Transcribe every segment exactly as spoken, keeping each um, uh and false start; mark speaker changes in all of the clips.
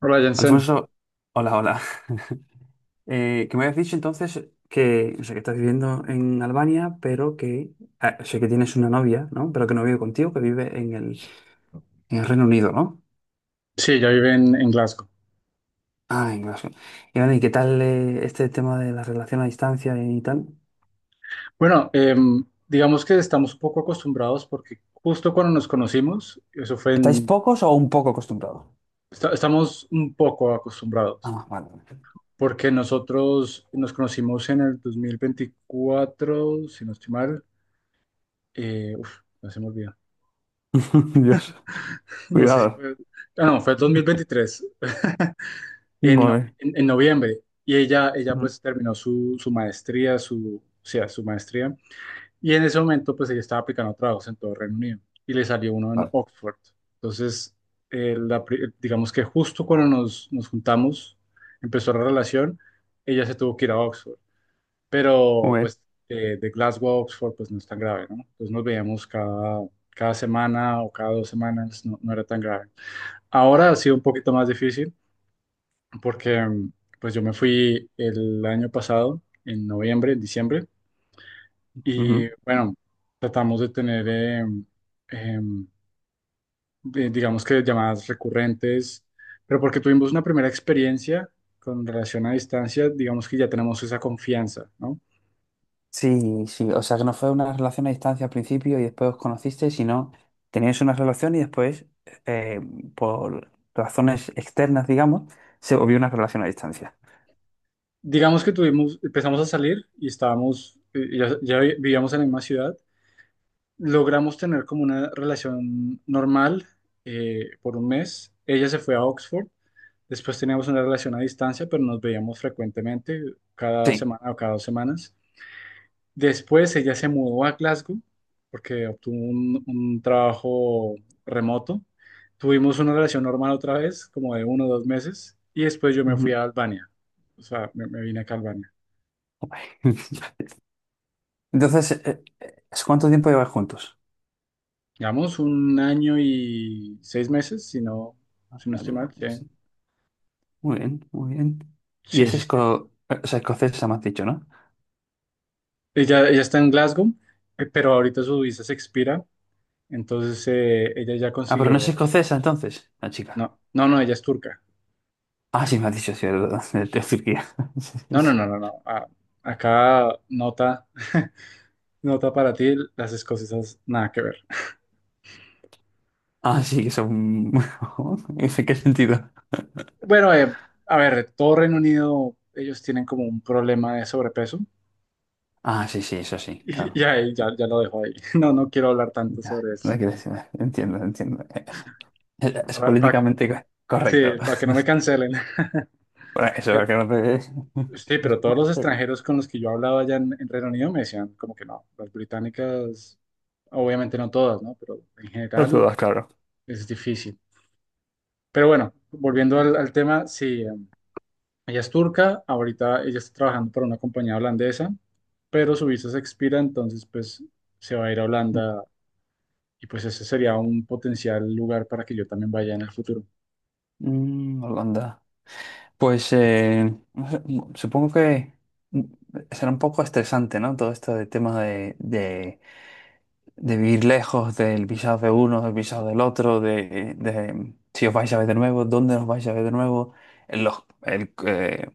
Speaker 1: Hola Jensen,
Speaker 2: Alfonso, hola, hola. Eh, que me habías dicho entonces que, o sea, que estás viviendo en Albania, pero que, ah, o sea, que tienes una novia, ¿no? Pero que no vive contigo, que vive en el, en el Reino Unido, ¿no?
Speaker 1: sí, ella vive en, en Glasgow.
Speaker 2: Ah, en Glasgow. Y bueno, ¿y qué tal eh, este tema de la relación a distancia y tal?
Speaker 1: Bueno, em, digamos que estamos un poco acostumbrados porque justo cuando nos conocimos, eso fue
Speaker 2: ¿Estáis
Speaker 1: en,
Speaker 2: pocos o un poco acostumbrados?
Speaker 1: esta- estamos un poco acostumbrados
Speaker 2: Ah, vale. Vale.
Speaker 1: porque nosotros nos conocimos en el dos mil veinticuatro, si no estoy mal, eh, uf, no se me olvida,
Speaker 2: Dios,
Speaker 1: no sé si
Speaker 2: cuidado.
Speaker 1: fue, ah, no, fue dos mil veintitrés, en, no-
Speaker 2: Vale.
Speaker 1: en, en noviembre, y ella, ella
Speaker 2: Ujú.
Speaker 1: pues terminó su, su maestría, su, o sea, su maestría. Y en ese momento, pues ella estaba aplicando trabajos en todo Reino Unido y le salió uno en
Speaker 2: Vale.
Speaker 1: Oxford. Entonces, eh, la pri- digamos que justo cuando nos, nos juntamos, empezó la relación, ella se tuvo que ir a Oxford. Pero,
Speaker 2: Muy bien.
Speaker 1: pues, eh, de Glasgow a Oxford, pues no es tan grave, ¿no? Entonces nos veíamos cada, cada semana o cada dos semanas, no, no era tan grave. Ahora ha sido un poquito más difícil porque, mm, pues, yo me fui el año pasado, en noviembre, en diciembre y
Speaker 2: Ujú.
Speaker 1: bueno, tratamos de tener, eh, em, de- digamos que llamadas recurrentes, pero porque tuvimos una primera experiencia con relación a distancia, digamos que ya tenemos esa confianza, ¿no?
Speaker 2: Sí, sí, o sea que no fue una relación a distancia al principio y después os conocisteis, sino teníais una relación y después, eh, por razones externas, digamos, se volvió una relación a distancia.
Speaker 1: Digamos que tuvimos, empezamos a salir y estábamos, eh, ya, ya vi- vivíamos en la misma ciudad, logramos tener como una relación normal eh, por un mes. Ella se fue a Oxford, después teníamos una relación a distancia, pero nos veíamos frecuentemente, cada
Speaker 2: Sí.
Speaker 1: semana o cada dos semanas. Después ella se mudó a Glasgow porque obtuvo un, un trabajo remoto. Tuvimos una relación normal otra vez, como de uno o dos meses, y después yo me fui a
Speaker 2: Ujú.
Speaker 1: Albania. O sea, me, me vine acá a Albania.
Speaker 2: Entonces, eh, eh, ¿cuánto tiempo lleváis juntos?
Speaker 1: Llevamos un año y seis meses, si no, si no estoy
Speaker 2: Vale,
Speaker 1: mal. Sí,
Speaker 2: sí. Muy bien, muy bien. Y
Speaker 1: sí,
Speaker 2: es
Speaker 1: sí. Sí.
Speaker 2: esco- eh, o sea, escocesa, me has dicho, ¿no?
Speaker 1: Ella, ella está en Glasgow, eh, pero ahorita su visa se expira, entonces eh, ella ya
Speaker 2: Ah, pero no es
Speaker 1: consiguió...
Speaker 2: escocesa entonces, la chica.
Speaker 1: No, no, no, ella es turca.
Speaker 2: Ah, sí, me has dicho, sí, de, de Turquía. Sí,
Speaker 1: No, no,
Speaker 2: sí.
Speaker 1: no, no, no. a- acá nota. Nota para ti, las escocesas, nada que ver.
Speaker 2: Ah, sí, que son... ¿En qué sentido?
Speaker 1: Bueno, eh, a ver, todo Reino Unido, ellos tienen como un problema de sobrepeso.
Speaker 2: Ah, sí, sí, eso sí,
Speaker 1: Y,
Speaker 2: claro.
Speaker 1: y ahí ya, ya lo dejo ahí. No, no quiero hablar tanto
Speaker 2: Ya,
Speaker 1: sobre
Speaker 2: no
Speaker 1: eso.
Speaker 2: hay que decir- entiendo, entiendo. Es, es
Speaker 1: Para, para que no,
Speaker 2: políticamente co-
Speaker 1: sí,
Speaker 2: correcto.
Speaker 1: para que no me cancelen.
Speaker 2: Bueno, eso es
Speaker 1: Pero-
Speaker 2: que no
Speaker 1: sí, pero todos los
Speaker 2: te...
Speaker 1: extranjeros con los que yo hablaba allá en, en Reino Unido me decían como que no, las británicas, obviamente no todas, ¿no? Pero en
Speaker 2: No te
Speaker 1: general
Speaker 2: lo claro.
Speaker 1: es difícil. Pero bueno, volviendo al, al tema, sí, ella es turca, ahorita ella está trabajando para una compañía holandesa, pero su visa se expira, entonces pues se va a ir a Holanda y pues ese sería un potencial lugar para que yo también vaya en el futuro.
Speaker 2: Mm, Holanda. Pues eh, no sé, mm, supongo que mm, será un poco estresante, ¿no? Todo esto de tema de, de, de vivir lejos del visado de uno, del visado del otro, de, de si os vais a ver de nuevo, dónde os vais a ver de nuevo, en los, el, eh,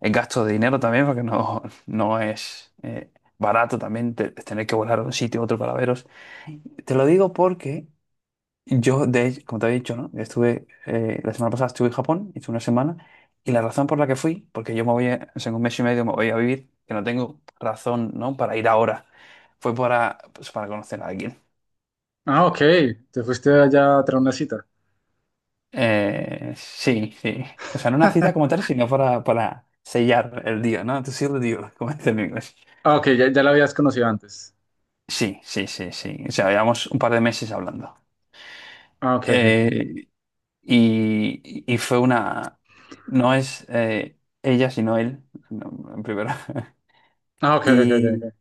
Speaker 2: el gasto de dinero también, porque no, no es eh, barato también te- tener que volar a un sitio a otro para veros. Te lo digo porque yo, de hecho, como te he dicho, ¿no? Estuve, eh, la semana pasada estuve en Japón, hice una semana, y la razón por la que fui, porque yo me voy, a- o sea, en un mes y medio me voy a vivir, que no tengo razón, ¿no? para ir ahora, fue para, pues, para conocer a alguien.
Speaker 1: Ah, ok, te fuiste allá a traer una cita.
Speaker 2: Eh, sí, sí. O sea, no una cita como tal, sino para, para, sellar el día, ¿no? To seal the deal, como dicen en inglés.
Speaker 1: Ah, ok, ya, ya la habías conocido antes.
Speaker 2: Sí, sí, sí, sí. O sea, llevamos un par de meses hablando.
Speaker 1: Ah, ok, ok, ok.
Speaker 2: Eh, y, y fue una... No es eh, ella, sino él, no, en primero.
Speaker 1: Ah, ok, ok, ok,
Speaker 2: Y,
Speaker 1: ok,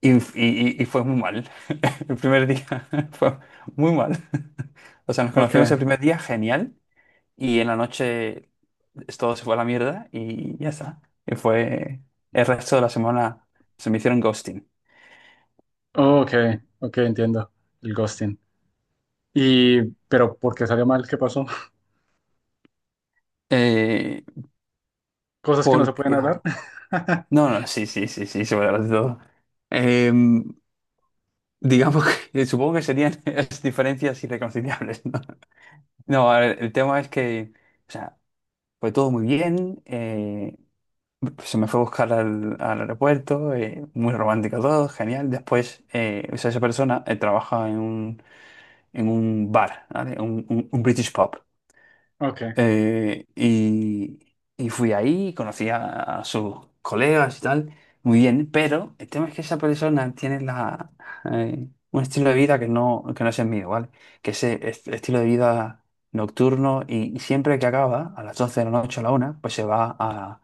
Speaker 2: y, y- y fue muy mal. El primer día fue muy mal. O sea, nos conocimos el
Speaker 1: ok.
Speaker 2: primer día, genial. Y en la noche es- todo se fue a la mierda y ya está. Y fue... El resto de la semana se me hicieron ghosting.
Speaker 1: Oh, ok, ok, entiendo el ghosting. Y, pero ¿por qué salió mal? ¿Qué pasó?
Speaker 2: Eh,
Speaker 1: Cosas que no se pueden
Speaker 2: porque...
Speaker 1: hablar.
Speaker 2: No, no, sí, sí, sí, sí, sobre de todo. Em, digamos que supongo que serían las diferencias irreconciliables, ¿no? No, a ver, el tema es que, o sea, fue todo muy bien, eh, se me fue a buscar al, al aeropuerto, eh, muy romántico todo, genial. Después, eh, o sea, esa persona eh, trabaja en un, en un bar, ¿vale? Un, un- un British pub.
Speaker 1: Ok.
Speaker 2: Eh, y, y fui ahí, conocí a, a sus colegas y tal, muy bien, pero el tema es que esa persona tiene la, eh, un estilo de vida que no, que no es el mío, ¿vale? Que ese est- estilo de vida nocturno y, y siempre que acaba, a las doce de la noche o a la una, pues se va a,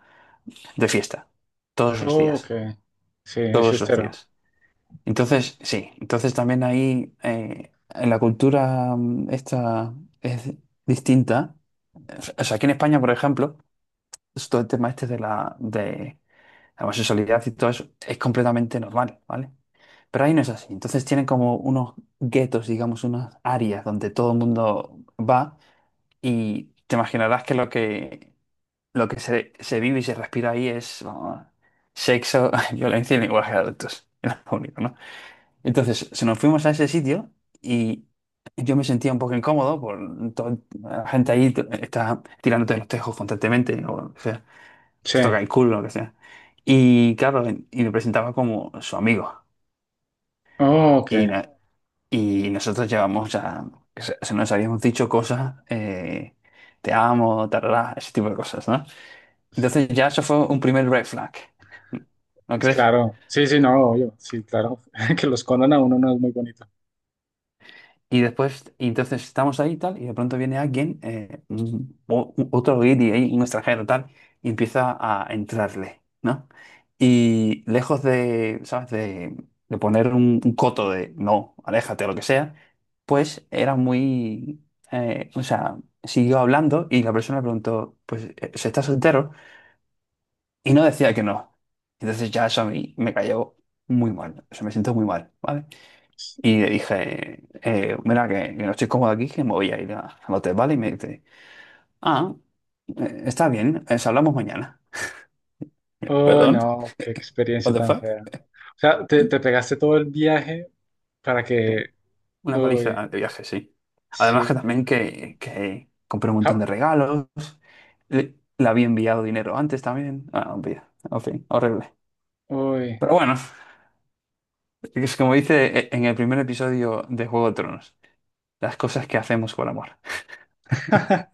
Speaker 2: de fiesta, todos los
Speaker 1: Oh, ok,
Speaker 2: días,
Speaker 1: sí, es
Speaker 2: todos los
Speaker 1: fiestero.
Speaker 2: días. Entonces, sí, entonces también ahí eh, en la cultura mm, esta es distinta. O sea, aquí en España, por ejemplo, es todo el tema este de la, de la, homosexualidad y todo eso es completamente normal, ¿vale? Pero ahí no es así. Entonces tienen como unos guetos, digamos, unas áreas donde todo el mundo va y te imaginarás que lo que, lo que se, se vive y se respira ahí es vamos, sexo, violencia y lenguaje de adultos. Era lo único, ¿no? Entonces, si nos fuimos a ese sitio y yo me sentía un poco incómodo por todo, la gente ahí t- está tirándote los tejos constantemente, ¿no? O sea,
Speaker 1: Sí.
Speaker 2: te toca el culo, lo que sea. Y claro, y me presentaba como su amigo.
Speaker 1: Oh, ok.
Speaker 2: Y, na- y nosotros llevamos ya, se, se nos habíamos dicho cosas, eh, te amo, tarará, ese tipo de cosas, ¿no? Entonces ya eso fue un primer red flag, ¿no
Speaker 1: Es
Speaker 2: crees?
Speaker 1: claro. Sí, sí, no, obvio. Sí, claro. Que lo escondan a uno no es muy bonito.
Speaker 2: Y después, y entonces estamos ahí y tal, y de pronto viene alguien, eh, un- o- u- otro guiri ahí, un extranjero tal, y empieza a entrarle, ¿no? Y lejos de, ¿sabes? De, de poner un, un coto de no, aléjate o lo que sea, pues era muy, eh, o sea, siguió hablando y la persona le preguntó, pues, eh, ¿se está soltero? Y no decía que no. Entonces ya eso a mí me cayó muy mal, o sea, me siento muy mal, ¿vale? Y le dije, eh, mira, que, que no estoy cómodo aquí, que me voy a ir a- al hotel, ¿vale? Y me dice, ah, eh, está bien, eh, hablamos mañana.
Speaker 1: Oh,
Speaker 2: ¿Perdón?
Speaker 1: no, qué
Speaker 2: ¿What
Speaker 1: experiencia
Speaker 2: the
Speaker 1: tan
Speaker 2: fuck?
Speaker 1: fea. O sea, te, te pegaste todo el viaje para que...
Speaker 2: Sí, una
Speaker 1: Uy,
Speaker 2: paliza de viaje, sí. Además que
Speaker 1: sí.
Speaker 2: también que, que compré un montón
Speaker 1: Ja.
Speaker 2: de regalos, le, le había enviado dinero antes también. Ah, olvida en fin, horrible.
Speaker 1: Uy.
Speaker 2: Pero bueno, es como dice eh, en el primer episodio de Juego de Tronos, las cosas que hacemos por amor.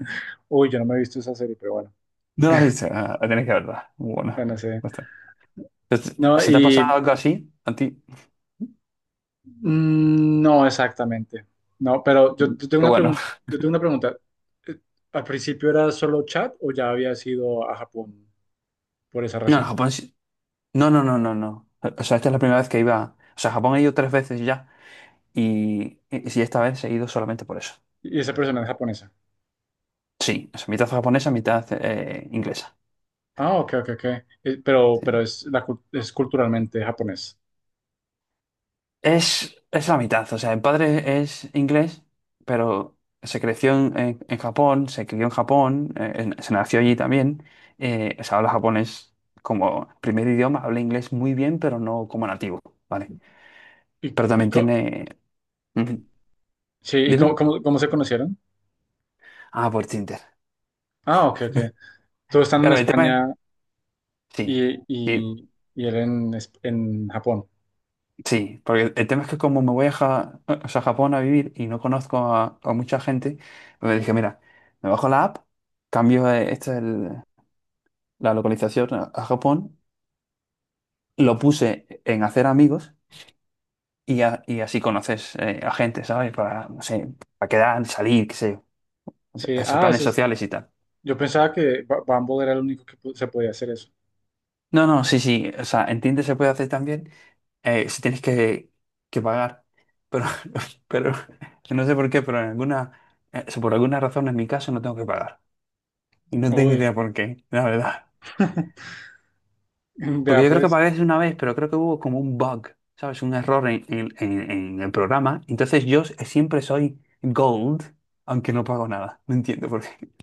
Speaker 1: Uy, yo no me he visto esa serie, pero bueno.
Speaker 2: No lo has visto, ah, tenéis que verla. Muy buena.
Speaker 1: Bueno, sí.
Speaker 2: Este,
Speaker 1: No,
Speaker 2: ¿se te ha pasado
Speaker 1: y...
Speaker 2: algo así a ti?
Speaker 1: mm, no, exactamente. No, pero yo, yo tengo
Speaker 2: Qué
Speaker 1: una
Speaker 2: bueno.
Speaker 1: pregunta. Yo tengo una pregunta. Eh, ¿Al principio era solo chat o ya había ido a Japón por esa
Speaker 2: No, en
Speaker 1: razón?
Speaker 2: Japón sí- no, no, no, no, no. O sea, esta es la primera vez que iba. O sea, a Japón he ido tres veces ya. Y, y, sí, esta vez he ido solamente por eso.
Speaker 1: Y esa persona es japonesa.
Speaker 2: Sí, o sea, mitad japonesa, mitad eh, inglesa.
Speaker 1: Ah, ok, ok, ok. Eh, pero,
Speaker 2: Sí.
Speaker 1: pero es, la, cul- es culturalmente japonés.
Speaker 2: Es, es la mitad. O sea, el padre es inglés, pero se creció en, en- en Japón, se crió en Japón, eh, en- se nació allí también. Eh, o sea, habla japonés como primer idioma, habla inglés muy bien, pero no como nativo, ¿vale?
Speaker 1: ¿Y,
Speaker 2: Pero
Speaker 1: y
Speaker 2: también
Speaker 1: co-
Speaker 2: tiene.
Speaker 1: sí, ¿y cómo,
Speaker 2: Dime.
Speaker 1: cómo- cómo se conocieron?
Speaker 2: Ah, por Tinder.
Speaker 1: Ah, ok, ok. Todos están en
Speaker 2: Claro, el tema es...
Speaker 1: España
Speaker 2: Sí,
Speaker 1: y,
Speaker 2: sí,
Speaker 1: y, y él en, es- en Japón.
Speaker 2: sí, porque el tema es que como me voy a, Ja- o sea, a Japón a vivir y no conozco a, a mucha gente, me dije, mira, me bajo la app, cambio eh, esta el- la localización a, a Japón, lo puse en hacer amigos y, a- y así conoces eh, a gente, ¿sabes? Para, no sé, para quedar, salir, qué sé yo, o sea,
Speaker 1: Sí,
Speaker 2: esos
Speaker 1: ah,
Speaker 2: planes
Speaker 1: ese es-
Speaker 2: sociales y tal.
Speaker 1: yo pensaba que Ba- Bumble era el único que pu- se podía hacer eso.
Speaker 2: No, no, sí, sí, o sea, en Tinder se puede hacer también. eh, si tienes que, que pagar. Pero, pero no sé por qué, pero en alguna, eh, si por alguna razón en mi caso no tengo que pagar. Y no tengo
Speaker 1: Uy,
Speaker 2: idea por qué, la verdad.
Speaker 1: vea
Speaker 2: Porque yo creo que
Speaker 1: pues,
Speaker 2: pagué una vez, pero creo que hubo como un bug, ¿sabes? Un error en, en- en- en el programa. Entonces yo siempre soy gold, aunque no pago nada. No entiendo por qué.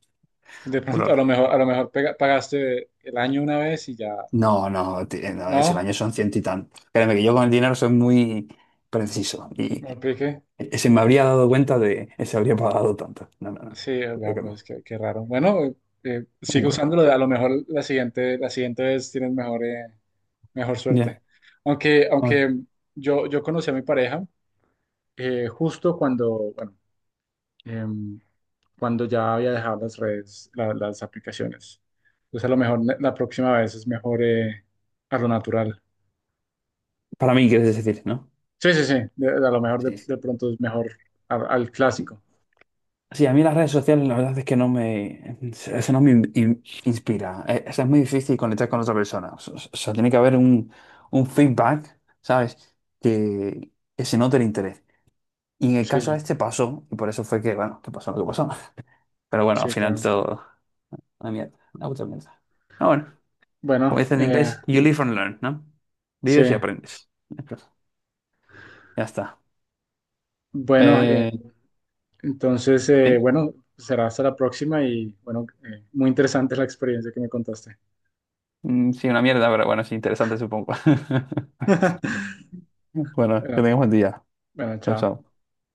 Speaker 1: de
Speaker 2: Por
Speaker 1: pronto a lo
Speaker 2: ahora.
Speaker 1: mejor, a lo mejor pega- pagaste el año una vez y ya,
Speaker 2: No, no, ti- no, ese
Speaker 1: ¿no?
Speaker 2: baño son ciento y tanto. Créeme que yo con el dinero soy muy preciso.
Speaker 1: Me
Speaker 2: Y,
Speaker 1: apliqué.
Speaker 2: E- se me habría dado cuenta de... eh, se habría pagado tanto. No, no, no.
Speaker 1: Sí, vea,
Speaker 2: Creo que no.
Speaker 1: pues qué, qué raro. Bueno, eh, eh, sigue
Speaker 2: Pongo.
Speaker 1: usándolo, a lo mejor la siguiente, la siguiente vez tienes mejor, eh, mejor suerte.
Speaker 2: Ya.
Speaker 1: Aunque,
Speaker 2: Vamos.
Speaker 1: aunque yo, yo conocí a mi pareja eh, justo cuando, bueno, em, cuando ya había dejado las redes, la- las aplicaciones. Entonces a lo mejor ne- la próxima vez es mejor eh, a lo natural.
Speaker 2: Para mí, quieres decir, ¿no?
Speaker 1: Sí, sí, sí, de- a lo mejor de,
Speaker 2: Sí.
Speaker 1: de pronto es mejor a- al
Speaker 2: Sí,
Speaker 1: clásico.
Speaker 2: Sí, a mí las redes sociales la verdad es que no me... eh, eso no me in- in- inspira. Eh, O sea, es muy difícil conectar con otra persona. O sea, o sea, tiene que haber un, un feedback, ¿sabes? Que, que se note el interés. Y en el
Speaker 1: Sí,
Speaker 2: caso
Speaker 1: sí,
Speaker 2: este pasó, y por eso fue que, bueno, que pasó lo que pasó. Pero bueno, al
Speaker 1: sí,
Speaker 2: final
Speaker 1: claro.
Speaker 2: todo... Una mierda, una puta mierda. Ah, bueno. Como
Speaker 1: Bueno,
Speaker 2: dice en
Speaker 1: eh,
Speaker 2: inglés, you live and learn, ¿no?
Speaker 1: sí,
Speaker 2: Vives y aprendes. Entonces, ya está.
Speaker 1: bueno.
Speaker 2: Eh,
Speaker 1: Entonces, eh,
Speaker 2: sí,
Speaker 1: bueno, será hasta la próxima y bueno, eh, muy interesante la experiencia que me contaste.
Speaker 2: Mm, sí, una mierda, pero bueno, es interesante, supongo. Bueno, que
Speaker 1: Bueno,
Speaker 2: tengas buen día.
Speaker 1: bueno,
Speaker 2: Chao,
Speaker 1: chao.
Speaker 2: chao.